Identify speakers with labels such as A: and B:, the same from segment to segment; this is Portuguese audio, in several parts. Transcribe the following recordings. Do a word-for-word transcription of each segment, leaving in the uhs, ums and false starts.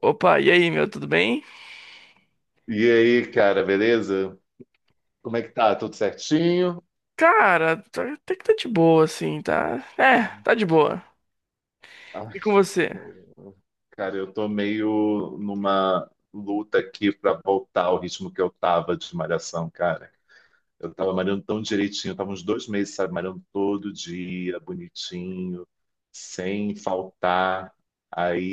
A: Opa, e aí, meu, tudo bem?
B: E aí, cara, beleza? Como é que tá? Tudo certinho?
A: Cara, tá- até que tá de boa, assim, tá? É, tá de boa.
B: Ai,
A: E com você?
B: cara, eu tô meio numa luta aqui pra voltar ao ritmo que eu tava de malhação, cara. Eu tava malhando tão direitinho, eu tava uns dois meses, sabe, malhando todo dia, bonitinho, sem faltar.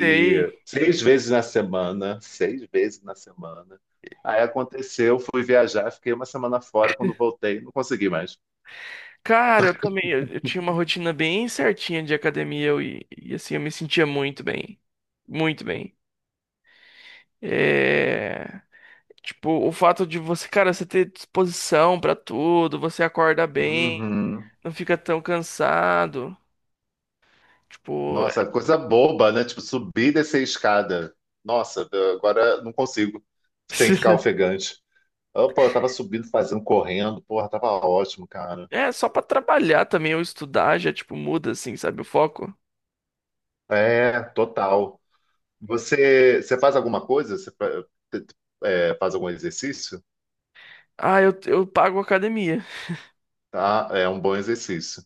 A: Sei.
B: seis vezes na semana, seis vezes na semana. Aí aconteceu, fui viajar, fiquei uma semana fora, quando voltei, não consegui mais.
A: Cara, eu também, eu, eu tinha uma rotina bem certinha de academia eu, e, e, assim, eu me sentia muito bem. Muito bem. É... Tipo, o fato de você, cara, você ter disposição pra tudo, você acorda bem,
B: Uhum.
A: não fica tão cansado. Tipo,
B: Nossa, coisa boba, né? Tipo, subir e descer a escada. Nossa, agora não consigo, sem ficar ofegante. Ah, pô, eu tava subindo, fazendo, correndo, porra, tava ótimo, cara.
A: é só pra trabalhar também ou estudar já, tipo, muda, assim, sabe, o foco.
B: É, total. Você, você faz alguma coisa? Você fa- é, faz algum exercício?
A: Ah, eu, eu pago academia.
B: Tá, é um bom exercício.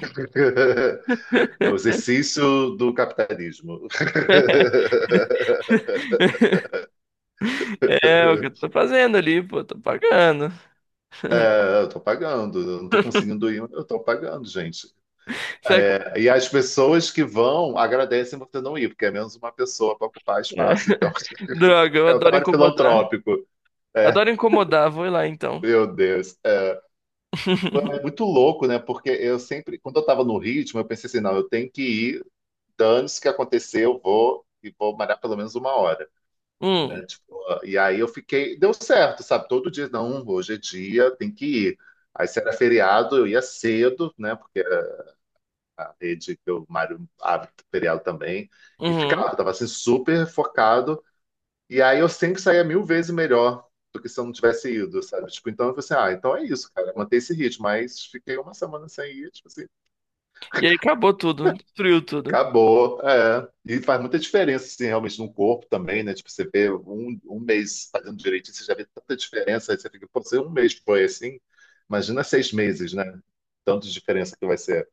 B: É o exercício do capitalismo.
A: É o que eu tô fazendo ali, pô, tô pagando.
B: É, eu tô pagando, eu não tô conseguindo ir, mas eu tô pagando, gente.
A: Será que...
B: É, e as pessoas que vão agradecem você não ir, porque é menos uma pessoa para ocupar
A: é.
B: espaço. Então,
A: Droga, eu
B: é um
A: adoro
B: trabalho
A: incomodar.
B: filantrópico. É,
A: Adoro incomodar, vou lá então.
B: meu Deus. É, foi muito louco, né? Porque eu sempre, quando eu estava no ritmo, eu pensei assim, não, eu tenho que ir, dane-se o que acontecer, eu vou e vou malhar pelo menos uma hora.
A: Hum,
B: Né? Tipo, e aí eu fiquei, deu certo, sabe? Todo dia, não, hoje é dia, tem que ir. Aí se era feriado, eu ia cedo, né? Porque a rede que o Mário abre seriado também. E
A: uhum.
B: ficava, tava assim super focado. E aí eu sempre saía mil vezes melhor do que se eu não tivesse ido, sabe? Tipo, então eu falei assim, ah, então é isso, cara, manter esse ritmo. Mas fiquei uma semana sem ir, tipo assim,
A: E aí acabou tudo, destruiu tudo.
B: acabou. É. E faz muita diferença, assim, realmente no corpo também, né? Tipo, você vê um, um mês fazendo direitinho, você já vê tanta diferença, aí você fica, pô, se um mês foi assim, imagina seis meses, né? Tanto de diferença que vai ser.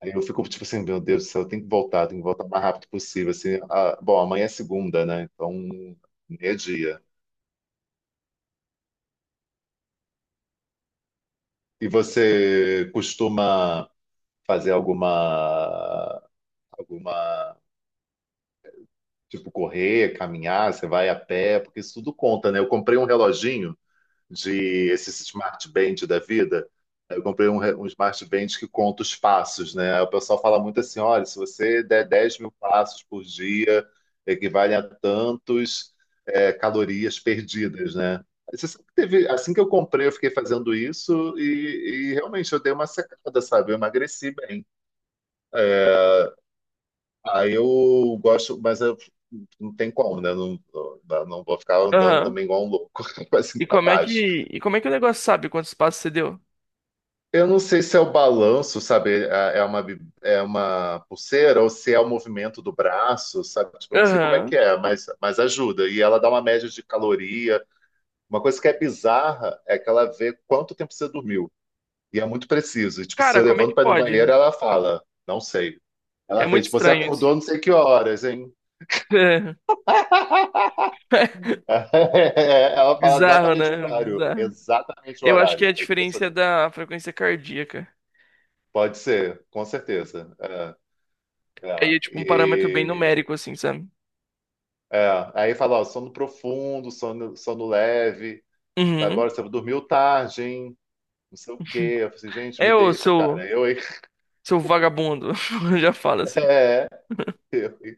B: Aí eu fico tipo assim, meu Deus do céu, eu tenho que voltar, tenho que voltar o mais rápido possível. Assim, ah, bom, amanhã é segunda, né? Então, meio-dia. E você costuma fazer alguma, alguma, tipo, correr, caminhar, você vai a pé, porque isso tudo conta, né? Eu comprei um reloginho de esses smart band da vida. Eu comprei um, re- um smart band que conta os passos, né? Aí o pessoal fala muito assim: olha, se você der dez mil passos por dia, equivale a tantos é, calorias perdidas, né? Aí você sabe que teve, assim que eu comprei, eu fiquei fazendo isso e, e realmente eu dei uma secada, sabe? Eu emagreci bem. Aí eu gosto, mas eu não tem como, né? Não, não, não vou ficar andando
A: Aham.
B: também igual um louco, assim,
A: E
B: pra
A: como é
B: baixo.
A: que, e como é que o negócio sabe quantos passos você deu?
B: Eu não sei se é o balanço, sabe? É é uma, bi- é uma pulseira ou se é o movimento do braço, sabe? Tipo, eu não sei como é que
A: Aham.
B: é, mas, mas ajuda. E ela dá uma média de caloria. Uma coisa que é bizarra é que ela vê quanto tempo você dormiu. E é muito preciso. E, tipo, se
A: Cara,
B: eu
A: como é que
B: levanto para ir no
A: pode?
B: banheiro, ela fala, não sei.
A: É
B: Ela vê,
A: muito
B: tipo, você
A: estranho isso.
B: acordou não sei que horas, hein? Ela fala
A: Bizarro,
B: exatamente o
A: né?
B: horário.
A: Bizarro.
B: Exatamente o
A: Eu acho que é
B: horário.
A: a
B: É
A: diferença é
B: impressionante.
A: da frequência cardíaca.
B: Pode ser, com certeza. É,
A: Aí é tipo um parâmetro bem
B: é. E
A: numérico, assim, sabe?
B: é, aí fala, ó, sono profundo, sono, sono leve, sabe?
A: Uhum.
B: Olha, você dormiu tarde, hein? Não sei o quê. Eu falei assim, gente, me
A: É o
B: deixa,
A: seu,
B: cara. Eu, hein?
A: seu vagabundo, já fala assim.
B: Eu, hein?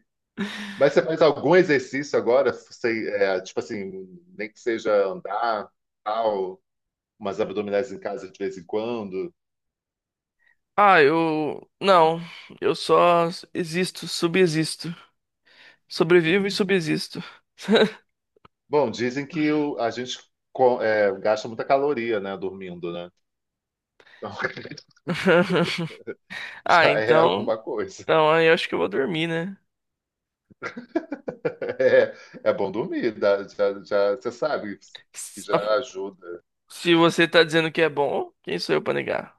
B: Mas você faz algum exercício agora? Você, é, tipo assim, nem que seja andar, tal, umas abdominais em casa de vez em quando.
A: Ah, eu. Não, eu só existo, subsisto. Sobrevivo e
B: Uhum.
A: subsisto.
B: Bom, dizem que o- a gente co- é, gasta muita caloria, né, dormindo, né? Então,
A: Ah,
B: já é
A: então.
B: alguma coisa.
A: Então, aí eu acho que eu vou dormir, né?
B: É, é bom dormir, dá- já, já, você sabe que já
A: Se
B: ajuda.
A: se você tá dizendo que é bom, quem sou eu pra negar?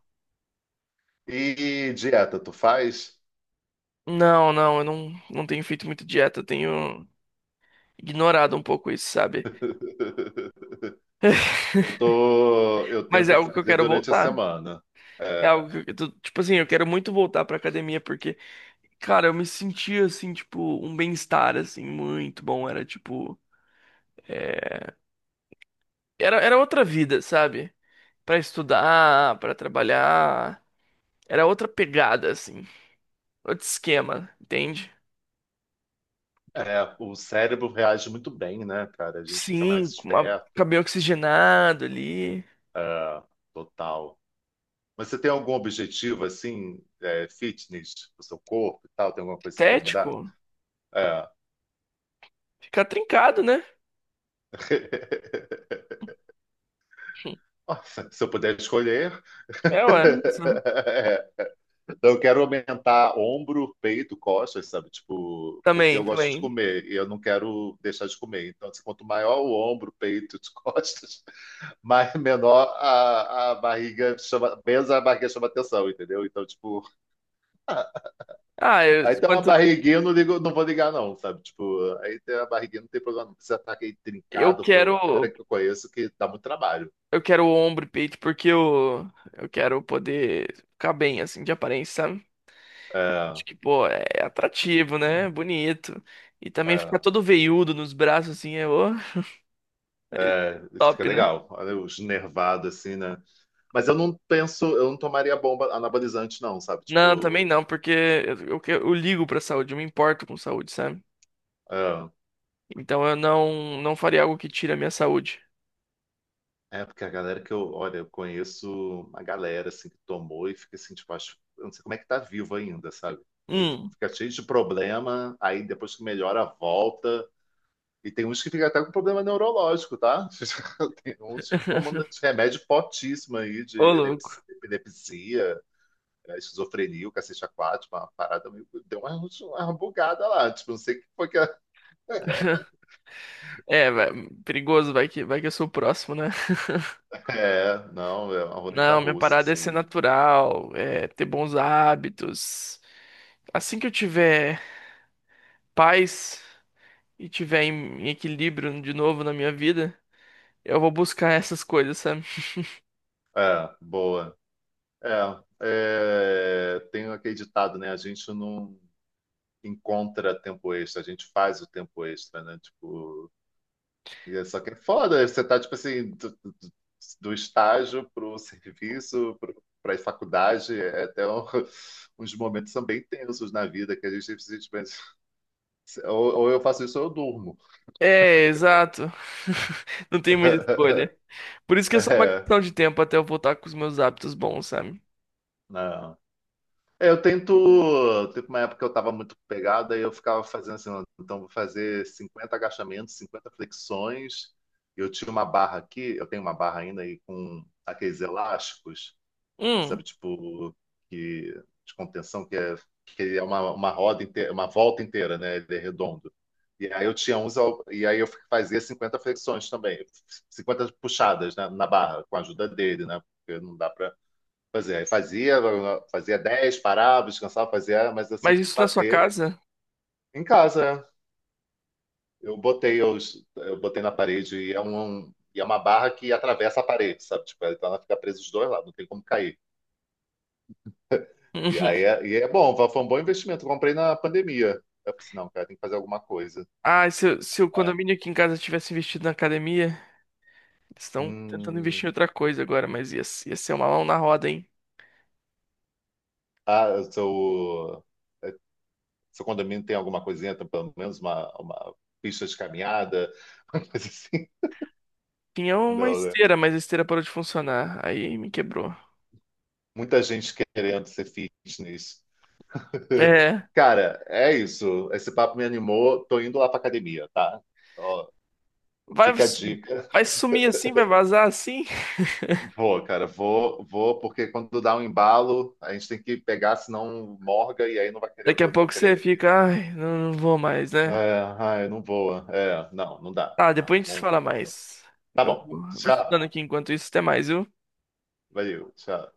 B: E dieta, tu faz?
A: Não, não, eu não, não tenho feito muito dieta, eu tenho ignorado um pouco isso, sabe?
B: Eu tô, eu
A: Mas é
B: tento
A: algo que eu
B: fazer
A: quero
B: durante a
A: voltar.
B: semana.
A: É
B: É,
A: algo que eu, tô- tipo assim, eu quero muito voltar pra academia porque, cara, eu me sentia assim, tipo, um bem-estar assim muito bom, era tipo, era era outra vida, sabe? Pra estudar, pra trabalhar, era outra pegada assim, outro esquema, entende?
B: é, o cérebro reage muito bem, né, cara? A gente fica mais
A: Sim, com uma
B: esperto.
A: cabelo oxigenado ali,
B: É, total. Mas você tem algum objetivo assim, é, fitness, do seu corpo e tal? Tem alguma coisa que você quer mudar?
A: estético,
B: É.
A: fica trincado, né?
B: Nossa, se eu puder escolher.
A: É, ué. Sim.
B: Então, eu quero aumentar ombro, peito, costas, sabe? Tipo, porque
A: Também,
B: eu gosto de
A: também.
B: comer e eu não quero deixar de comer. Então, assim, quanto maior o ombro, peito, e costas, mais menor a, a barriga chama, menos a barriga chama atenção, entendeu? Então, tipo,
A: Ah, eu,
B: aí tem uma
A: quanto
B: barriguinha, eu não ligo, não vou ligar, não, sabe? Tipo, aí tem a barriguinha, não tem problema, não precisa estar aquele
A: eu
B: trincado, porque eu, a galera
A: quero
B: que eu conheço que dá muito trabalho.
A: Eu quero ombro e peito porque eu, eu quero poder ficar bem, assim, de aparência, sabe?
B: É,
A: Acho que, pô, é atrativo, né? Bonito. E também ficar
B: é,
A: todo veiudo nos braços, assim, é, ô, é
B: é, isso fica
A: top, né?
B: legal. Olha os nervados, assim, né? Mas eu não penso, eu não tomaria bomba anabolizante, não, sabe?
A: Não, também
B: Tipo,
A: não, porque eu, eu, que- eu ligo pra saúde, eu me importo com saúde, sabe?
B: ah,
A: Então eu não, não faria algo que tire a minha saúde.
B: é porque a galera que eu, olha, eu conheço uma galera assim que tomou e fica assim, tipo, acho, eu não sei como é que tá vivo ainda, sabe? Ele
A: Hum,
B: fica cheio de problema, aí depois que melhora, volta. E tem uns que ficam até com problema neurológico, tá? Tem uns tomando esse remédio fortíssimo aí de
A: ô louco.
B: epilepsia, epilepsia, eh, esquizofrenia, o cacete aquático, uma parada meio. Deu uma, uma bugada lá. Tipo, não sei o que foi que a
A: É, vai, perigoso, vai que, vai que eu sou o próximo, né?
B: É, não, é uma roleta
A: Não, minha
B: russa,
A: parada é ser
B: assim.
A: natural, é ter bons hábitos. Assim que eu tiver paz e tiver em, em equilíbrio de novo na minha vida, eu vou buscar essas coisas, sabe?
B: É, boa. É, é, tem aquele ditado, né? A gente não encontra tempo extra, a gente faz o tempo extra, né? Tipo, e é só que é foda, você tá, tipo assim, do, do, do do estágio pro serviço, pro, pra faculdade, é até um- uns momentos são bem tensos na vida, que a gente simplesmente... pensa, Ou, ou eu faço isso ou eu durmo.
A: É, exato. Não tem muita escolha. Por isso que é só uma
B: É,
A: questão de tempo até eu voltar com os meus hábitos bons, sabe?
B: não. É, eu tento. Teve uma época que eu tava muito pegado, aí eu ficava fazendo assim, "Não, então vou fazer cinquenta agachamentos, cinquenta flexões. Eu tinha uma barra aqui, eu tenho uma barra ainda aí com aqueles elásticos,
A: Hum,
B: sabe, tipo, que, de contenção, que é, que é, uma, uma roda inteira, uma volta inteira, né? Ele é redondo. E aí eu tinha uns, al- e aí eu fazia cinquenta flexões também, cinquenta puxadas, né, na barra, com a ajuda dele, né? Porque não dá Pois é, fazia, fazia dez parava, descansava, fazia, mas eu
A: mas
B: sempre
A: isso na sua
B: bater
A: casa?
B: em casa. Né? Eu botei, eu, eu botei na parede e é um, um, e é uma barra que atravessa a parede, sabe? Tipo, então ela fica presa dos dois lados, não tem como cair. E
A: Uhum.
B: aí é, e é bom, foi um bom investimento. Eu comprei na pandemia. Eu falei assim, não, cara, tem que fazer alguma coisa.
A: Ah, se, eu- se o
B: É.
A: condomínio aqui em casa tivesse investido na academia, eles estão tentando investir em
B: Hum.
A: outra coisa agora, mas ia, ia ser uma mão na roda, hein?
B: Ah, seu, seu condomínio tem alguma coisinha, tem pelo menos uma, uma pista de caminhada, uma coisa assim.
A: Tinha uma
B: Não, né?
A: esteira, mas a esteira parou de funcionar. Aí me quebrou.
B: Muita gente querendo ser fitness.
A: É.
B: Cara, é isso. Esse papo me animou. Tô indo lá pra academia, tá? Ó,
A: Vai,
B: fica a dica.
A: vai sumir assim, vai vazar assim.
B: Vou, cara, vou, vou, porque quando dá um embalo, a gente tem que pegar, senão morga e aí não vai querer,
A: Daqui a
B: eu não vou
A: pouco você
B: querer ir.
A: fica, ai, não, não vou mais, né?
B: É, ai, não voa. É, não, não dá.
A: Tá,
B: Não,
A: depois a gente se
B: não-
A: fala mais.
B: tá
A: Eu
B: bom.
A: vou eu vou estudando
B: Tchau.
A: aqui enquanto isso. Até mais, viu?
B: Valeu, tchau.